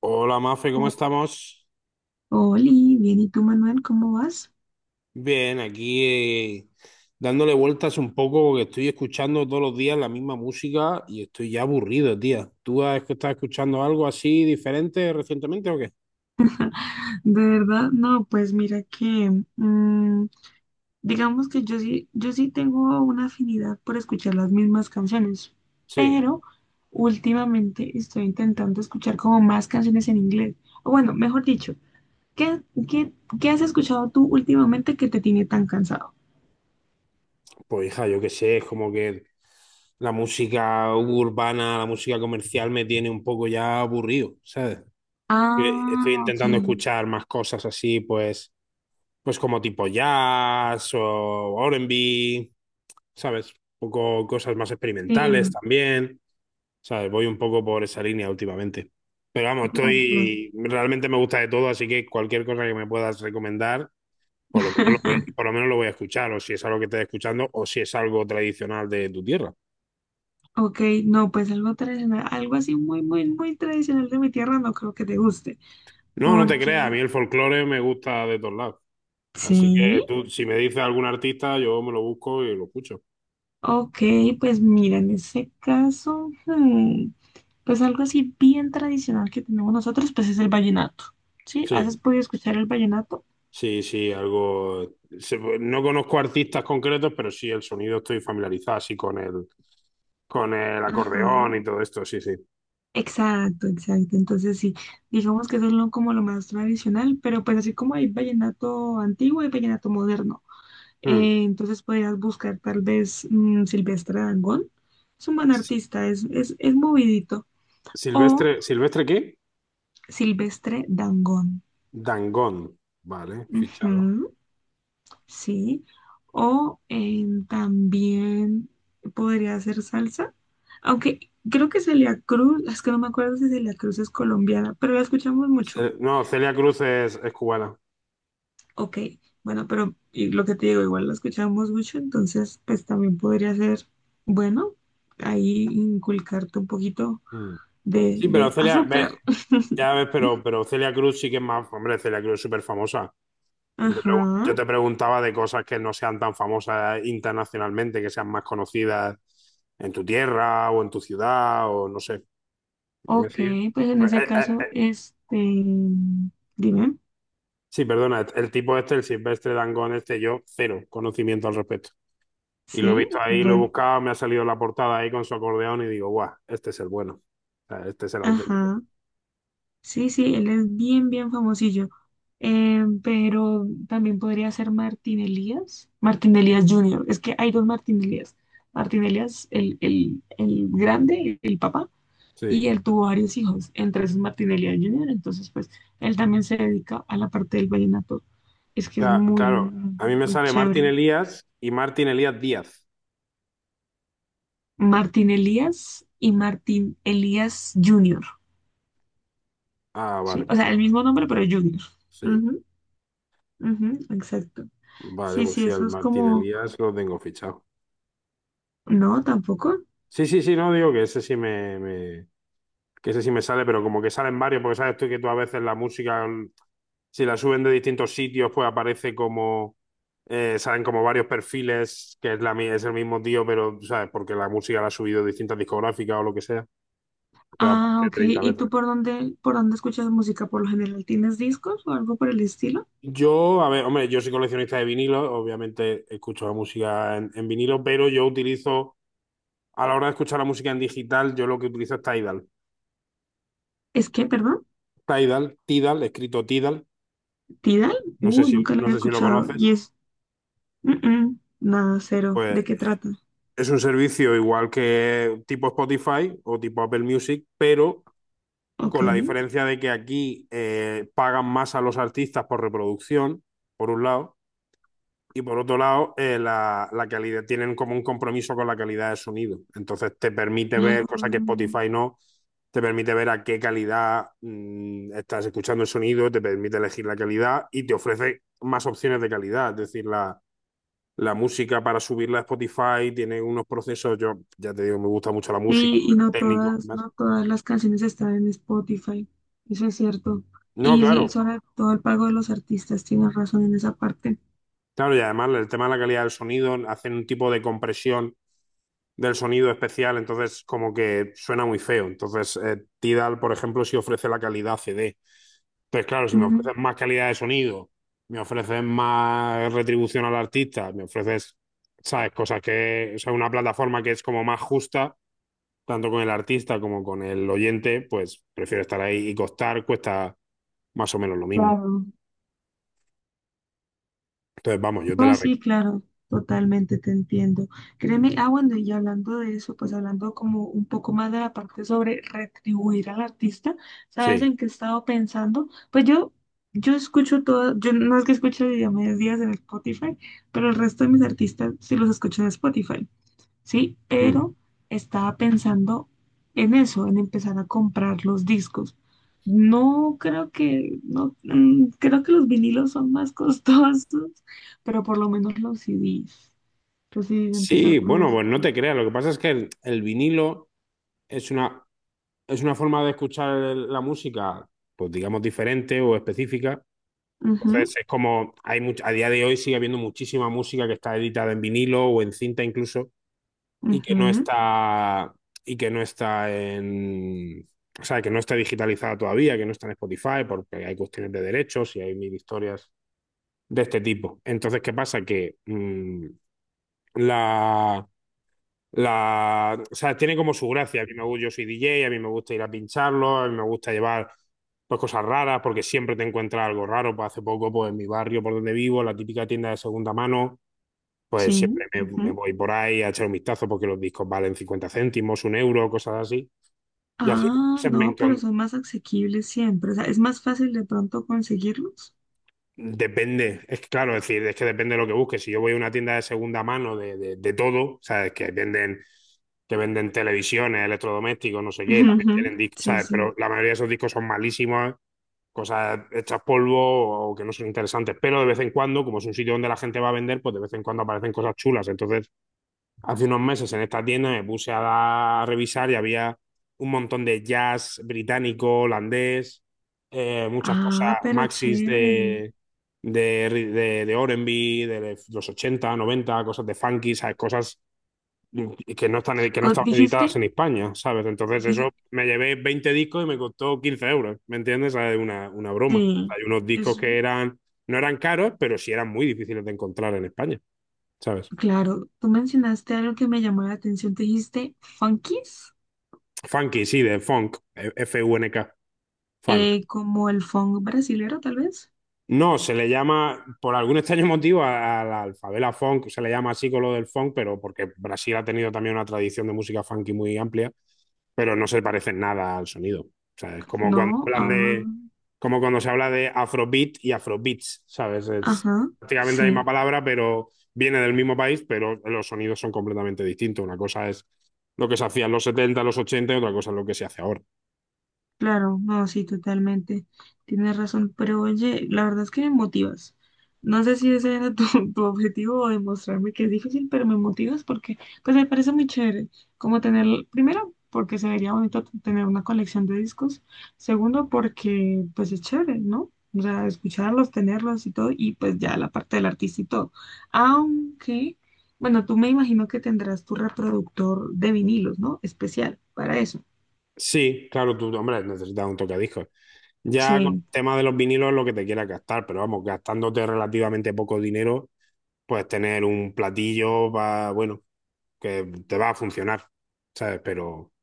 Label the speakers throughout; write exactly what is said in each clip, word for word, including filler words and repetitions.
Speaker 1: Hola Mafe, ¿cómo
Speaker 2: Hol-
Speaker 1: estamos?
Speaker 2: Oli, bien, ¿y tú, Manuel, cómo vas?
Speaker 1: Bien, aquí eh, dándole vueltas un poco porque estoy escuchando todos los días la misma música y estoy ya aburrido, tía. ¿Tú has- estás escuchando algo así diferente recientemente o qué?
Speaker 2: De verdad, no, pues mira que, mm, digamos que yo sí, yo sí tengo una afinidad por escuchar las mismas canciones,
Speaker 1: Sí,
Speaker 2: pero últimamente estoy intentando escuchar como más canciones en inglés. O bueno, mejor dicho, ¿qué, qué, qué has escuchado tú últimamente que te tiene tan cansado?
Speaker 1: pues hija, yo qué sé, es como que la música urbana, la música comercial me tiene un poco ya aburrido, ¿sabes? Eh, Estoy
Speaker 2: Ah, ok,
Speaker 1: intentando escuchar más cosas así, pues, pues como tipo jazz o R and B, ¿sabes? Un poco cosas más experimentales
Speaker 2: sí,
Speaker 1: también, ¿sabes? Voy un poco por esa línea últimamente. Pero vamos,
Speaker 2: claro, claro.
Speaker 1: estoy, realmente me gusta de todo, así que cualquier cosa que me puedas recomendar, por lo menos lo voy, por lo menos lo voy a escuchar, o si es algo que estés escuchando, o si es algo tradicional de tu tierra.
Speaker 2: Ok, no, pues algo tradicional, algo así muy, muy, muy tradicional de mi tierra, no creo que te guste,
Speaker 1: No, no te creas, a mí
Speaker 2: porque
Speaker 1: el folclore me gusta de todos lados. Así que
Speaker 2: sí,
Speaker 1: tú, si me dices algún artista, yo me lo busco y lo escucho.
Speaker 2: ok, pues mira, en ese caso, hmm, pues algo así bien tradicional que tenemos nosotros, pues es el vallenato, ¿sí?
Speaker 1: Sí,
Speaker 2: ¿Has podido escuchar el vallenato?
Speaker 1: sí, sí, algo... se- No conozco artistas concretos, pero sí el sonido estoy familiarizado, así con el, con el
Speaker 2: Ajá.
Speaker 1: acordeón y todo esto, sí, sí.
Speaker 2: Exacto, exacto. Entonces sí, digamos que eso es lo, como lo más tradicional, pero pues así como hay vallenato antiguo, y vallenato moderno.
Speaker 1: Mm.
Speaker 2: Eh, entonces podrías buscar tal vez mm, Silvestre Dangond. Es un buen artista, es, es, es movidito. O
Speaker 1: Silvestre, ¿Silvestre qué?
Speaker 2: Silvestre Dangond.
Speaker 1: Dangond, vale, fichado.
Speaker 2: Ujú, sí. O eh, también podría hacer salsa. Aunque creo que Celia Cruz, es que no me acuerdo si Celia Cruz es colombiana, pero la escuchamos mucho.
Speaker 1: Ce- No, Celia Cruz es, es cubana.
Speaker 2: Ok, bueno, pero y lo que te digo, igual la escuchamos mucho, entonces pues también podría ser, bueno, ahí inculcarte un poquito
Speaker 1: Mm.
Speaker 2: de,
Speaker 1: Sí, pero
Speaker 2: de
Speaker 1: Celia,
Speaker 2: azúcar.
Speaker 1: ve, ya ves, pero, pero Celia Cruz sí que es más, hombre, Celia Cruz es súper famosa. Yo te pregun- yo
Speaker 2: Ajá.
Speaker 1: te preguntaba de cosas que no sean tan famosas internacionalmente, que sean más conocidas en tu tierra o en tu ciudad o no sé. ¿Me
Speaker 2: Ok,
Speaker 1: sigue?
Speaker 2: pues en
Speaker 1: Eh,
Speaker 2: ese
Speaker 1: eh,
Speaker 2: caso,
Speaker 1: eh,
Speaker 2: este, dime,
Speaker 1: Sí, perdona, el tipo este, el Silvestre Dangond este, yo cero conocimiento al respecto. Y lo he visto
Speaker 2: sí,
Speaker 1: ahí, lo he
Speaker 2: bueno,
Speaker 1: buscado, me ha salido la portada ahí con su acordeón y digo, guau, este es el bueno. O sea, este es el auténtico.
Speaker 2: ajá, sí, sí, él es bien, bien famosillo. Eh, pero también podría ser Martín Elías, Martín Elías Junior, es que hay dos Martín Elías, Martín Elías, el, el, el grande, el papá,
Speaker 1: Sí.
Speaker 2: y él tuvo varios hijos, entre esos Martinelli Junior. Entonces, pues, él también se dedica a la parte del vallenato. Es que es
Speaker 1: Ca-
Speaker 2: muy,
Speaker 1: Claro, a mí me
Speaker 2: muy
Speaker 1: sale Martín
Speaker 2: chévere.
Speaker 1: Elías y Martín Elías Díaz.
Speaker 2: Martín Elías y Martín Elías Junior.
Speaker 1: Ah,
Speaker 2: Sí,
Speaker 1: vale,
Speaker 2: o sea, el mismo nombre, pero Junior.
Speaker 1: sí.
Speaker 2: Ujú, ujú, exacto.
Speaker 1: Vale,
Speaker 2: Sí,
Speaker 1: pues
Speaker 2: sí,
Speaker 1: sí,
Speaker 2: eso
Speaker 1: al
Speaker 2: es
Speaker 1: Martín
Speaker 2: como,
Speaker 1: Elías lo tengo fichado.
Speaker 2: no, tampoco.
Speaker 1: Sí, sí, sí, no, digo que ese sí me, me- que ese sí me sale, pero como que salen varios, porque sabes tú que tú a veces la música, mm, si la suben de distintos sitios, pues aparece como, eh, salen como varios perfiles, que es, la, mi- es el mismo tío, pero, ¿sabes? Porque la música la ha subido distintas discográficas o lo que sea, pero
Speaker 2: Ah,
Speaker 1: aparece
Speaker 2: ok.
Speaker 1: treinta
Speaker 2: ¿Y
Speaker 1: veces.
Speaker 2: tú por dónde, por dónde escuchas música? Por lo general, ¿tienes discos o algo por el estilo?
Speaker 1: Yo, a ver, hombre, yo soy coleccionista de vinilos, obviamente escucho la música en, en vinilo, pero yo utilizo, a la hora de escuchar la música en digital, yo lo que utilizo es Tidal.
Speaker 2: Es que, perdón,
Speaker 1: Tidal, Tidal, escrito Tidal,
Speaker 2: Tidal,
Speaker 1: no sé
Speaker 2: uh,
Speaker 1: si,
Speaker 2: nunca lo
Speaker 1: no
Speaker 2: he
Speaker 1: sé si lo
Speaker 2: escuchado. ¿Y
Speaker 1: conoces,
Speaker 2: es Mm, nada cero? ¿De
Speaker 1: pues
Speaker 2: qué trata?
Speaker 1: es un servicio igual que tipo Spotify o tipo Apple Music, pero
Speaker 2: Ok.
Speaker 1: con la diferencia de que aquí eh, pagan más a los artistas por reproducción, por un lado. Y por otro lado, eh, la, la calidad, tienen como un compromiso con la calidad de sonido. Entonces te permite
Speaker 2: Ah,
Speaker 1: ver, cosa que Spotify no, te permite ver a qué calidad mm, estás escuchando el sonido, te permite elegir la calidad y te ofrece más opciones de calidad. Es decir, la, la música para subirla a Spotify tiene unos procesos, yo ya te digo, me gusta mucho la música,
Speaker 2: sí, y
Speaker 1: el
Speaker 2: no
Speaker 1: técnico. Y
Speaker 2: todas, no todas las canciones están en Spotify. Eso es cierto.
Speaker 1: no,
Speaker 2: Y
Speaker 1: claro,
Speaker 2: sobre todo el pago de los artistas, tienes razón en esa parte.
Speaker 1: claro, y además el tema de la calidad del sonido, hacen un tipo de compresión del sonido especial, entonces como que suena muy feo. Entonces, eh, Tidal, por ejemplo, sí ofrece la calidad C D. Entonces, claro, si me
Speaker 2: Mm,
Speaker 1: ofreces más calidad de sonido, me ofreces más retribución al artista, me ofreces, ¿sabes? Cosas que, o sea, una plataforma que es como más justa, tanto con el artista como con el oyente, pues prefiero estar ahí y costar, cuesta más o menos lo mismo.
Speaker 2: claro.
Speaker 1: Entonces, vamos, yo te
Speaker 2: No,
Speaker 1: la
Speaker 2: sí,
Speaker 1: recomiendo.
Speaker 2: claro, totalmente te entiendo. Créeme, ah, bueno, y hablando de eso, pues hablando como un poco más de la parte sobre retribuir al artista, ¿sabes
Speaker 1: Sí.
Speaker 2: en qué he estado pensando? Pues yo, yo escucho todo, yo no es que escuche a medias en Spotify, pero el resto de mis artistas sí los escucho en Spotify. ¿Sí?
Speaker 1: Mm.
Speaker 2: Pero estaba pensando en eso, en empezar a comprar los discos. No creo que, no, mm, creo que los vinilos son más costosos, pero por lo menos los C Des. Los C Des,
Speaker 1: Sí,
Speaker 2: empezar por
Speaker 1: bueno,
Speaker 2: los
Speaker 1: pues no te
Speaker 2: C Des.
Speaker 1: creas. Lo que pasa es que el, el vinilo es una es una forma de escuchar el- la música, pues digamos diferente o específica. Entonces
Speaker 2: Ujú,
Speaker 1: es como, hay much- a día de hoy sigue habiendo muchísima música que está editada en vinilo o en cinta incluso y que no
Speaker 2: ujú,
Speaker 1: está, y que no está en, o sea, que no está digitalizada todavía, que no está en Spotify porque hay cuestiones de derechos y hay mil historias de este tipo. Entonces, ¿qué pasa? Que mm, la la, o sea, tiene como su gracia. A mí me gusta, yo soy D J, a mí me gusta ir a pincharlo, a mí me gusta llevar pues, cosas raras porque siempre te encuentras algo raro. Pues, hace poco, pues en mi barrio por donde vivo, la típica tienda de segunda mano, pues siempre
Speaker 2: sí,
Speaker 1: me, me
Speaker 2: ujú.
Speaker 1: voy por ahí a echar un vistazo porque los discos valen cincuenta céntimos, un euro, cosas así. Y hace unos
Speaker 2: Ah,
Speaker 1: meses me,
Speaker 2: no, pero
Speaker 1: encon-
Speaker 2: son más asequibles siempre. O sea, es más fácil de pronto conseguirlos.
Speaker 1: Depende, es que claro, es decir, es que depende de lo que busques. Si yo voy a una tienda de segunda mano de, de, de todo, ¿sabes? Que venden, que venden televisiones, electrodomésticos, no sé qué, también tienen
Speaker 2: Ujú,
Speaker 1: discos,
Speaker 2: sí,
Speaker 1: ¿sabes? Pero
Speaker 2: sí.
Speaker 1: la mayoría de esos discos son malísimos, cosas hechas polvo o que no son interesantes. Pero de vez en cuando, como es un sitio donde la gente va a vender, pues de vez en cuando aparecen cosas chulas. Entonces, hace unos meses en esta tienda me puse a, dar- a revisar y había un montón de jazz británico, holandés, eh, muchas cosas,
Speaker 2: Ah, pero
Speaker 1: maxis
Speaker 2: chévere.
Speaker 1: de, de, de, de erre y be, de los ochenta, noventa, cosas de funky, ¿sabes? Cosas que no están, que no
Speaker 2: Co-
Speaker 1: estaban
Speaker 2: Dijiste,
Speaker 1: editadas en España, ¿sabes? Entonces eso
Speaker 2: di,
Speaker 1: me llevé veinte discos y me costó quince euros, ¿me entiendes? ¿Sabes? Una, una broma.
Speaker 2: sí,
Speaker 1: Hay unos discos
Speaker 2: es.
Speaker 1: que eran, no eran caros, pero sí eran muy difíciles de encontrar en España, ¿sabes?
Speaker 2: Claro, tú mencionaste algo que me llamó la atención, te dijiste funkies,
Speaker 1: Funky, sí, de funk, F U N K, funk.
Speaker 2: eh, como el funk brasilero tal vez.
Speaker 1: No, se le llama, por algún extraño motivo, a, a la alfabela funk, se le llama así con lo del funk, pero porque Brasil ha tenido también una tradición de música funky muy amplia, pero no se parece en nada al sonido. O sea, es como cuando
Speaker 2: No,
Speaker 1: hablan
Speaker 2: ah,
Speaker 1: de, como cuando se habla de afrobeat y afrobeats, ¿sabes? Es
Speaker 2: ajá,
Speaker 1: prácticamente la misma
Speaker 2: sí.
Speaker 1: palabra, pero viene del mismo país, pero los sonidos son completamente distintos. Una cosa es lo que se hacía en los setenta los ochenta y otra cosa es lo que se hace ahora.
Speaker 2: Claro, no, sí, totalmente. Tienes razón, pero oye, la verdad es que me motivas. No sé si ese era tu, tu objetivo o demostrarme que es difícil, pero me motivas porque, pues me parece muy chévere, como tener, primero, porque se vería bonito t- tener una colección de discos, segundo, porque, pues es chévere, ¿no? O sea, escucharlos, tenerlos y todo, y pues ya la parte del artista y todo. Aunque, bueno, tú me imagino que tendrás tu reproductor de vinilos, ¿no? Especial para eso.
Speaker 1: Sí, claro, tú, hombre, necesitas un tocadiscos. Ya con
Speaker 2: Sí,
Speaker 1: el tema de los vinilos lo que te quieras gastar, pero vamos, gastándote relativamente poco dinero, pues tener un platillo va, bueno, que te va a funcionar, ¿sabes? Pero,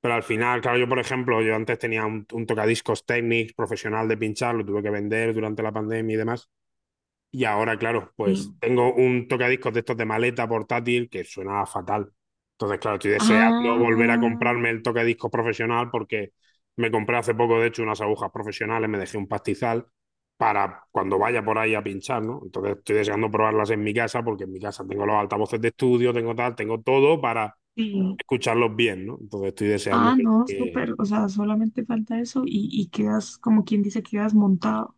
Speaker 1: pero al final, claro, yo por ejemplo, yo antes tenía un, un, tocadiscos Technics profesional de pinchar, lo tuve que vender durante la pandemia y demás, y ahora, claro,
Speaker 2: sí.
Speaker 1: pues tengo un tocadiscos de estos de maleta portátil que suena fatal. Entonces, claro, estoy deseando volver a
Speaker 2: Ah,
Speaker 1: comprarme el tocadiscos profesional porque me compré hace poco, de hecho, unas agujas profesionales, me dejé un pastizal para cuando vaya por ahí a pinchar, ¿no? Entonces, estoy deseando probarlas en mi casa porque en mi casa tengo los altavoces de estudio, tengo tal, tengo todo para
Speaker 2: sí.
Speaker 1: escucharlos bien, ¿no? Entonces, estoy deseando
Speaker 2: Ah,
Speaker 1: que,
Speaker 2: no,
Speaker 1: que
Speaker 2: súper. O sea, solamente falta eso y, y quedas, como quien dice, quedas montado.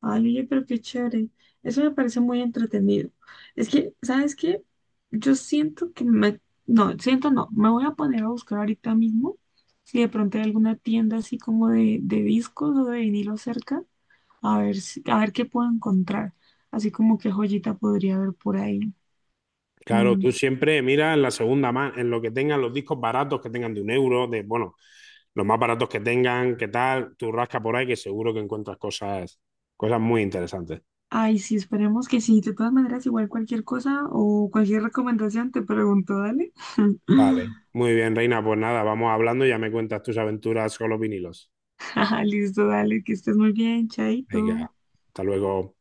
Speaker 2: Ay, oye, pero qué chévere. Eso me parece muy entretenido. Es que, ¿sabes qué? Yo siento que me... No, siento no. Me voy a poner a buscar ahorita mismo si de pronto hay alguna tienda así como de, de discos o de vinilo cerca. A ver si, a ver qué puedo encontrar. Así como qué joyita podría haber por ahí.
Speaker 1: Claro,
Speaker 2: Mm.
Speaker 1: tú siempre mira en la segunda mano, en lo que tengan los discos baratos que tengan de un euro, de bueno, los más baratos que tengan, qué tal, tú rasca por ahí que seguro que encuentras cosas, cosas muy interesantes.
Speaker 2: Ay, sí, esperemos que sí. De todas maneras, igual cualquier cosa o cualquier recomendación te pregunto, dale.
Speaker 1: Vale, muy bien, Reina, pues nada, vamos hablando y ya me cuentas tus aventuras con los vinilos.
Speaker 2: Listo, dale, que estés muy bien, chaito.
Speaker 1: Venga, hasta luego.